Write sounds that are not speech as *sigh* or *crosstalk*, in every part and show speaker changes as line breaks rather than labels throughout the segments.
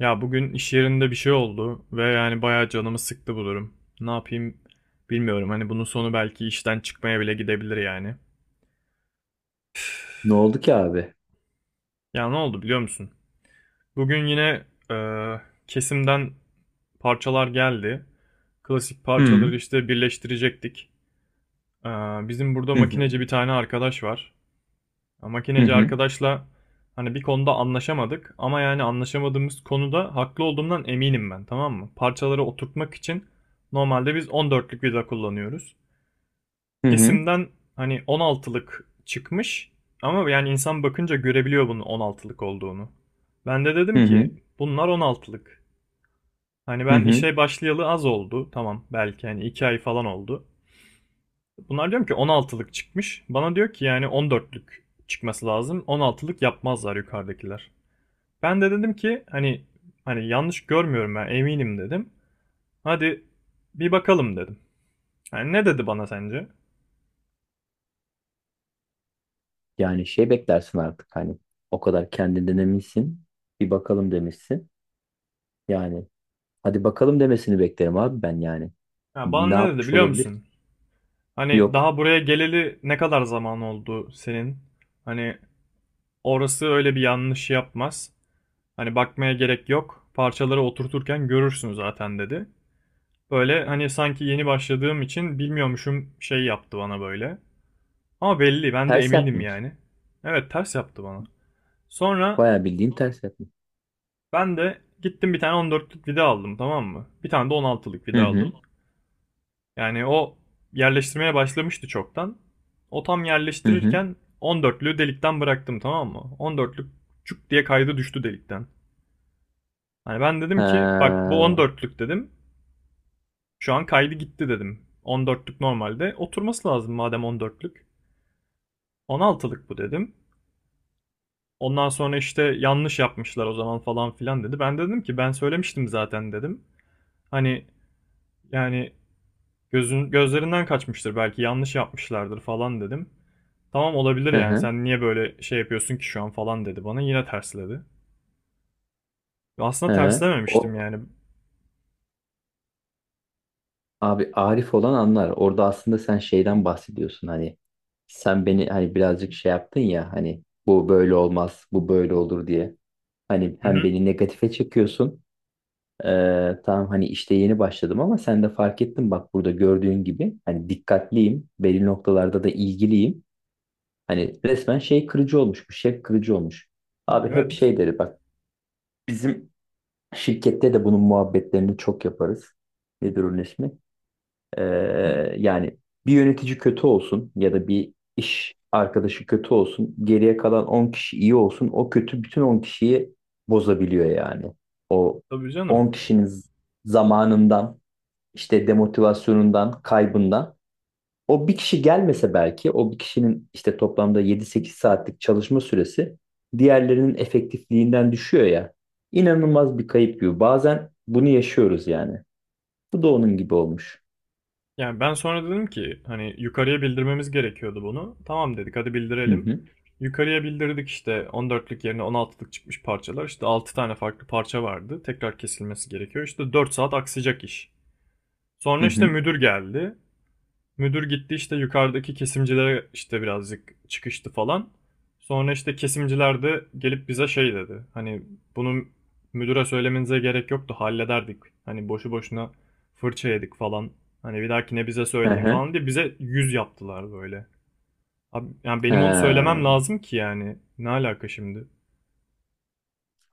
Ya bugün iş yerinde bir şey oldu ve yani bayağı canımı sıktı bu durum. Ne yapayım bilmiyorum. Hani bunun sonu belki işten çıkmaya bile gidebilir yani.
Ne oldu ki abi?
Ya ne oldu biliyor musun? Bugün yine e, kesimden parçalar geldi. Klasik
Hı.
parçaları işte birleştirecektik. E, Bizim burada
Hı hı.
makineci bir tane arkadaş var. Ya
Hı
makineci
hı.
arkadaşla hani bir konuda anlaşamadık ama yani anlaşamadığımız konuda haklı olduğumdan eminim ben, tamam mı? Parçaları oturtmak için normalde biz 14'lük vida kullanıyoruz.
Hı hı.
Kesimden hani 16'lık çıkmış ama yani insan bakınca görebiliyor bunun 16'lık olduğunu. Ben de
Hı
dedim ki
hı.
bunlar 16'lık. Hani
Hı
ben
hı.
işe başlayalı az oldu, tamam, belki hani 2 ay falan oldu. Bunlar diyorum ki 16'lık çıkmış. Bana diyor ki yani 14'lük çıkması lazım. 16'lık yapmazlar yukarıdakiler. Ben de dedim ki hani yanlış görmüyorum ben, eminim dedim. Hadi bir bakalım dedim. Yani ne dedi bana sence?
Yani şey beklersin artık hani, o kadar kendinden eminsin. Bir bakalım demişsin. Yani hadi bakalım demesini beklerim abi ben yani.
Ha,
Ne
bana ne dedi
yapmış
biliyor
olabilir?
musun? Hani
Yok.
daha buraya geleli ne kadar zaman oldu senin? Hani orası öyle bir yanlış yapmaz. Hani bakmaya gerek yok. Parçaları oturturken görürsün zaten dedi. Böyle hani sanki yeni başladığım için bilmiyormuşum şey yaptı bana böyle. Ama belli, ben de
Ters
eminim
yapmış.
yani. Evet, ters yaptı bana. Sonra
Bayağı bildiğin ters yapmış.
ben de gittim bir tane 14'lük vida aldım, tamam mı? Bir tane de 16'lık
Hı
vida
hı.
aldım. Yani o yerleştirmeye başlamıştı çoktan. O tam
Hı hı.
yerleştirirken 14'lüğü delikten bıraktım, tamam mı? 14'lük çuk diye kaydı, düştü delikten. Hani ben dedim ki bak, bu
Ha.
14'lük dedim. Şu an kaydı gitti dedim. 14'lük normalde oturması lazım madem 14'lük. 16'lık bu dedim. Ondan sonra işte yanlış yapmışlar o zaman falan filan dedi. Ben de dedim ki ben söylemiştim zaten dedim. Hani yani gözün gözlerinden kaçmıştır, belki yanlış yapmışlardır falan dedim. Tamam, olabilir
Hı
yani
hı.
sen niye böyle şey yapıyorsun ki şu an falan dedi, bana yine tersledi. Aslında
Hı hı. O,
terslememiştim yani.
Abi Arif olan anlar. Orada aslında sen şeyden bahsediyorsun hani. Sen beni hani birazcık şey yaptın ya, hani bu böyle olmaz, bu böyle olur diye. Hani
Hı
hem
hı.
beni negatife çekiyorsun. Tamam, hani işte yeni başladım ama sen de fark ettin bak, burada gördüğün gibi hani dikkatliyim. Belli noktalarda da ilgiliyim. Hani resmen şey kırıcı olmuş, bu şey kırıcı olmuş. Abi hep
Evet.
şey deri bak, bizim şirkette de bunun muhabbetlerini çok yaparız. Nedir onun ismi? Yani bir yönetici kötü olsun ya da bir iş arkadaşı kötü olsun, geriye kalan 10 kişi iyi olsun, o kötü bütün 10 kişiyi bozabiliyor yani. O
Tabii canım.
10 kişinin zamanından, işte demotivasyonundan, kaybından. O bir kişi gelmese belki, o bir kişinin işte toplamda 7-8 saatlik çalışma süresi diğerlerinin efektifliğinden düşüyor ya. İnanılmaz bir kayıp gibi. Bazen bunu yaşıyoruz yani. Bu da onun gibi olmuş.
Yani ben sonra dedim ki hani yukarıya bildirmemiz gerekiyordu bunu. Tamam dedik, hadi
Hı
bildirelim.
hı.
Yukarıya bildirdik işte 14'lük yerine 16'lık çıkmış parçalar. İşte 6 tane farklı parça vardı. Tekrar kesilmesi gerekiyor. İşte 4 saat aksayacak iş.
Hı
Sonra işte
hı.
müdür geldi. Müdür gitti işte yukarıdaki kesimcilere işte birazcık çıkıştı falan. Sonra işte kesimciler de gelip bize şey dedi. Hani bunu müdüre söylemenize gerek yoktu, hallederdik. Hani boşu boşuna fırça yedik falan. Hani bir dahakine bize
Hı
söyleyin
hı.
falan diye bize yüz yaptılar böyle. Abi, yani benim onu
Ha.
söylemem lazım ki yani. Ne alaka şimdi?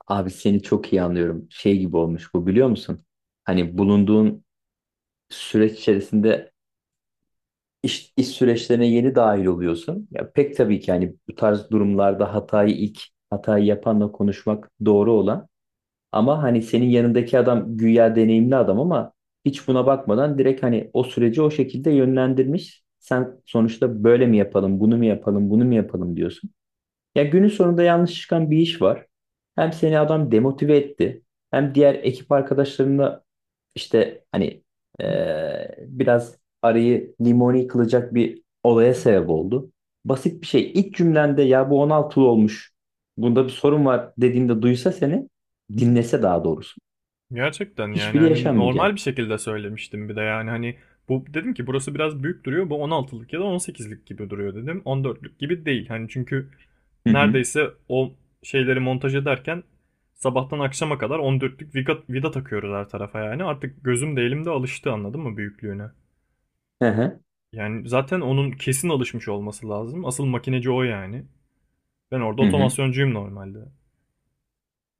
Abi, seni çok iyi anlıyorum. Şey gibi olmuş bu, biliyor musun? Hani bulunduğun süreç içerisinde iş süreçlerine yeni dahil oluyorsun. Ya pek tabii ki hani bu tarz durumlarda ilk hatayı yapanla konuşmak doğru olan. Ama hani senin yanındaki adam güya deneyimli adam ama hiç buna bakmadan direkt hani o süreci o şekilde yönlendirmiş. Sen sonuçta böyle mi yapalım, bunu mu yapalım, bunu mu yapalım diyorsun. Ya günün sonunda yanlış çıkan bir iş var. Hem seni adam demotive etti, hem diğer ekip arkadaşlarına işte hani, biraz arayı limoni kılacak bir olaya sebep oldu. Basit bir şey. İlk cümlende ya bu 16'lı olmuş, bunda bir sorun var dediğinde duysa seni, dinlese daha doğrusu.
Gerçekten yani
Hiçbiri
hani
yaşanmayacak.
normal bir şekilde söylemiştim bir de yani hani bu dedim ki burası biraz büyük duruyor, bu 16'lık ya da 18'lik gibi duruyor dedim, 14'lük gibi değil hani, çünkü
Hı hı.
neredeyse o şeyleri montaj ederken sabahtan akşama kadar 14'lük vida takıyoruz her tarafa, yani artık gözüm de elim de alıştı, anladın mı, büyüklüğüne.
Hı hı.
Yani zaten onun kesin alışmış olması lazım, asıl makineci o yani, ben orada
Hı hı.
otomasyoncuyum normalde.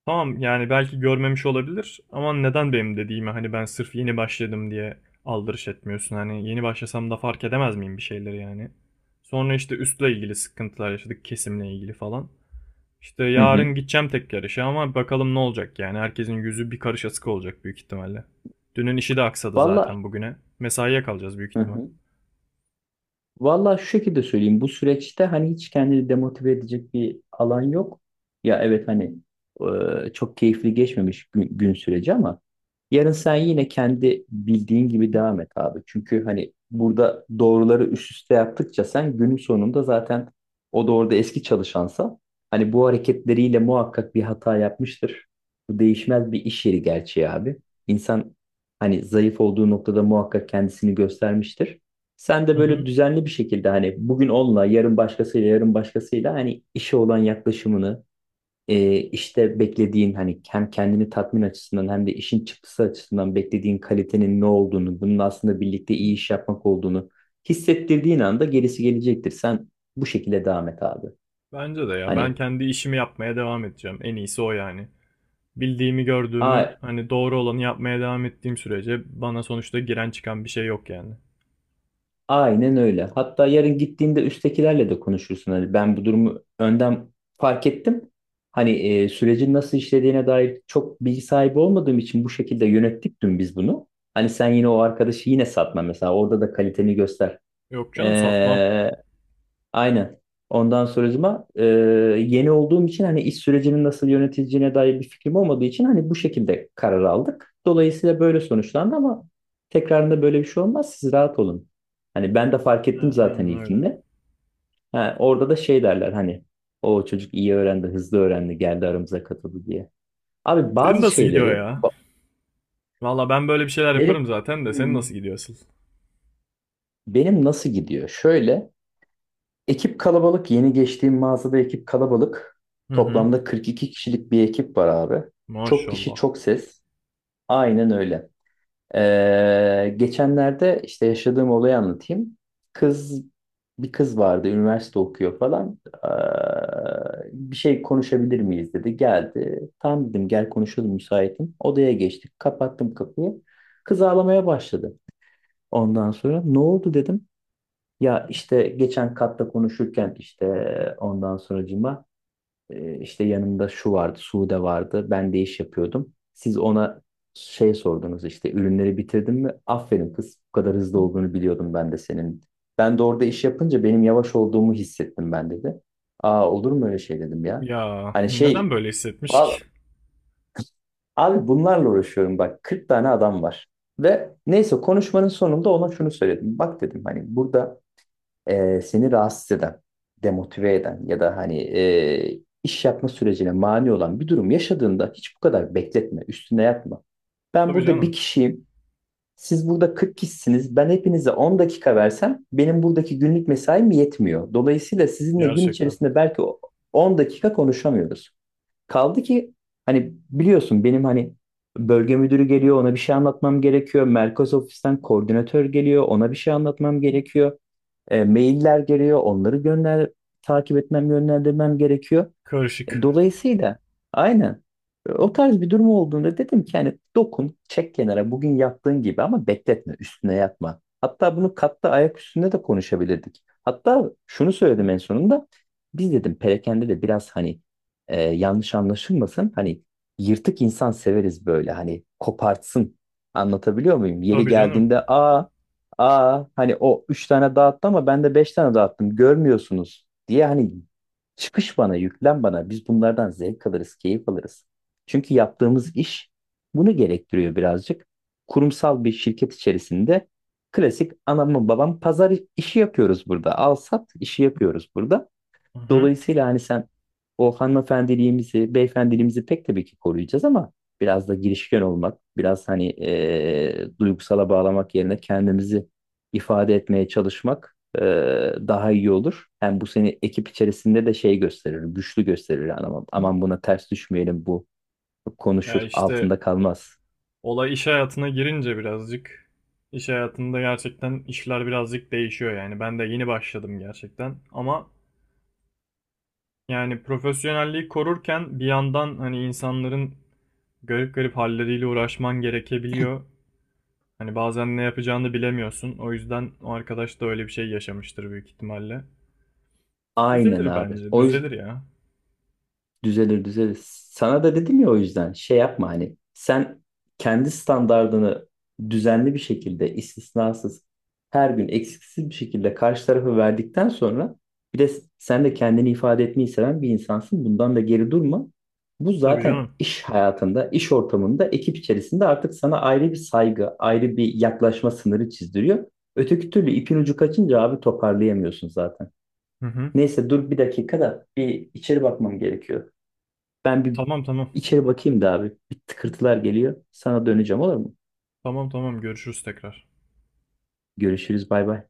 Tamam, yani belki görmemiş olabilir ama neden benim dediğime, hani ben sırf yeni başladım diye aldırış etmiyorsun. Hani yeni başlasam da fark edemez miyim bir şeyleri yani. Sonra işte üstle ilgili sıkıntılar yaşadık, kesimle ilgili falan. İşte
Hı hı.
yarın gideceğim tek yarışa ama bakalım ne olacak yani. Herkesin yüzü bir karış asık olacak büyük ihtimalle. Dünün işi de aksadı
Valla.
zaten bugüne. Mesaiye kalacağız büyük
Hı
ihtimal.
hı. Valla şu şekilde söyleyeyim. Bu süreçte hani hiç kendini demotive edecek bir alan yok. Ya evet hani, çok keyifli geçmemiş gün süreci ama yarın sen yine kendi bildiğin gibi devam et abi. Çünkü hani burada doğruları üst üste yaptıkça sen günün sonunda zaten, o da orada eski çalışansa hani bu hareketleriyle muhakkak bir hata yapmıştır. Bu değişmez bir iş yeri gerçeği abi. İnsan hani zayıf olduğu noktada muhakkak kendisini göstermiştir. Sen
Hı
de böyle
hı.
düzenli bir şekilde hani bugün onunla, yarın başkasıyla, yarın başkasıyla, hani işe olan yaklaşımını, işte beklediğin hani hem kendini tatmin açısından hem de işin çıktısı açısından beklediğin kalitenin ne olduğunu, bunun aslında birlikte iyi iş yapmak olduğunu hissettirdiğin anda gerisi gelecektir. Sen bu şekilde devam et abi.
Bence de ya, ben
Hani,
kendi işimi yapmaya devam edeceğim. En iyisi o yani. Bildiğimi, gördüğümü,
a
hani doğru olanı yapmaya devam ettiğim sürece bana sonuçta giren çıkan bir şey yok yani.
aynen öyle. Hatta yarın gittiğinde üsttekilerle de konuşursun. Hani ben bu durumu önden fark ettim. Hani sürecin nasıl işlediğine dair çok bilgi sahibi olmadığım için bu şekilde yönettik dün biz bunu. Hani sen yine o arkadaşı yine satma mesela. Orada da kaliteni göster.
Yok canım, satmam.
Ee, Aynen. Ondan sonracıma yeni olduğum için hani iş sürecinin nasıl yönetileceğine dair bir fikrim olmadığı için hani bu şekilde karar aldık. Dolayısıyla böyle sonuçlandı ama tekrarında böyle bir şey olmaz. Siz rahat olun. Hani ben de fark ettim
Ha,
zaten
aynen öyle.
ilkinde. Ha, orada da şey derler hani, o çocuk iyi öğrendi, hızlı öğrendi, geldi aramıza katıldı diye. Abi
Senin
bazı
nasıl gidiyor
şeyleri
ya?
ba-
Valla ben böyle bir şeyler
benim,
yaparım zaten de senin nasıl
Hmm.
gidiyor asıl?
Benim nasıl gidiyor? Şöyle. Ekip kalabalık. Yeni geçtiğim mağazada ekip kalabalık.
Hı hı.
Toplamda 42 kişilik bir ekip var abi. Çok kişi
Maşallah.
çok ses. Aynen öyle. Geçenlerde işte yaşadığım olayı anlatayım. Kız Bir kız vardı, üniversite okuyor falan. Bir şey konuşabilir miyiz dedi. Geldi. Tamam dedim, gel konuşalım müsaitim. Odaya geçtik. Kapattım kapıyı. Kız ağlamaya başladı. Ondan sonra ne oldu dedim. Ya işte geçen katta konuşurken işte ondan sonracıma, işte yanımda şu vardı, Sude vardı. Ben de iş yapıyordum. Siz ona şey sordunuz işte, ürünleri bitirdin mi? Aferin kız, bu kadar hızlı olduğunu biliyordum ben de senin. Ben de orada iş yapınca benim yavaş olduğumu hissettim ben, dedi. Aa, olur mu öyle şey dedim ya.
Ya
Hani şey
neden böyle hissetmiş ki?
val- abi bunlarla uğraşıyorum bak, 40 tane adam var. Ve neyse konuşmanın sonunda ona şunu söyledim. Bak dedim, hani burada seni rahatsız eden, demotive eden ya da hani iş yapma sürecine mani olan bir durum yaşadığında hiç bu kadar bekletme, üstüne yatma.
*laughs*
Ben
Tabii
burada bir
canım.
kişiyim, siz burada 40 kişisiniz. Ben hepinize 10 dakika versem benim buradaki günlük mesaim yetmiyor. Dolayısıyla sizinle gün
Gerçekten.
içerisinde belki 10 dakika konuşamıyoruz. Kaldı ki hani biliyorsun benim hani, bölge müdürü geliyor ona bir şey anlatmam gerekiyor. Merkez ofisten koordinatör geliyor ona bir şey anlatmam gerekiyor. Mailler geliyor, onları gönder, takip etmem, yönlendirmem gerekiyor.
Karışık.
Dolayısıyla aynen. O tarz bir durum olduğunda dedim ki hani dokun çek kenara bugün yaptığın gibi ama bekletme üstüne yatma. Hatta bunu katta ayak üstünde de konuşabilirdik. Hatta şunu söyledim en sonunda, biz dedim perakende de biraz hani yanlış anlaşılmasın hani yırtık insan severiz böyle hani kopartsın, anlatabiliyor muyum? Yeri
Tabii canım.
geldiğinde aa, aa hani, o üç tane dağıttı ama ben de beş tane dağıttım görmüyorsunuz diye hani, çıkış bana, yüklen bana. Biz bunlardan zevk alırız, keyif alırız. Çünkü yaptığımız iş bunu gerektiriyor birazcık. Kurumsal bir şirket içerisinde klasik anamın babam pazar işi yapıyoruz burada. Al sat işi yapıyoruz burada.
Hı hı.
Dolayısıyla hani sen o hanımefendiliğimizi, beyefendiliğimizi pek tabii ki koruyacağız ama biraz da girişken olmak, biraz hani duygusala bağlamak yerine kendimizi ifade etmeye çalışmak daha iyi olur. Hem bu seni ekip içerisinde de şey gösterir, güçlü gösterir. Yani aman, aman buna ters düşmeyelim, bu
Ya
konuşur,
işte
altında kalmaz.
olay iş hayatına girince birazcık, iş hayatında gerçekten işler birazcık değişiyor yani. Ben de yeni başladım gerçekten ama yani profesyonelliği korurken bir yandan hani insanların garip garip halleriyle uğraşman gerekebiliyor. Hani bazen ne yapacağını bilemiyorsun. O yüzden o arkadaş da öyle bir şey yaşamıştır büyük ihtimalle.
Aynen
Düzelir
abi.
bence.
O
Düzelir
yüzden.
ya.
Düzelir düzelir. Sana da dedim ya, o yüzden şey yapma hani, sen kendi standardını düzenli bir şekilde istisnasız her gün eksiksiz bir şekilde karşı tarafa verdikten sonra bir de sen de kendini ifade etmeyi seven bir insansın. Bundan da geri durma. Bu
Tabii
zaten
canım.
iş hayatında, iş ortamında, ekip içerisinde artık sana ayrı bir saygı, ayrı bir yaklaşma sınırı çizdiriyor. Öteki türlü ipin ucu kaçınca abi toparlayamıyorsun zaten.
Hı hı.
Neyse dur, bir dakika da bir içeri bakmam gerekiyor. Ben bir
Tamam tamam.
içeri bakayım da abi. Bir tıkırtılar geliyor. Sana döneceğim olur mu?
Tamam tamam. Görüşürüz tekrar.
Görüşürüz bay bay.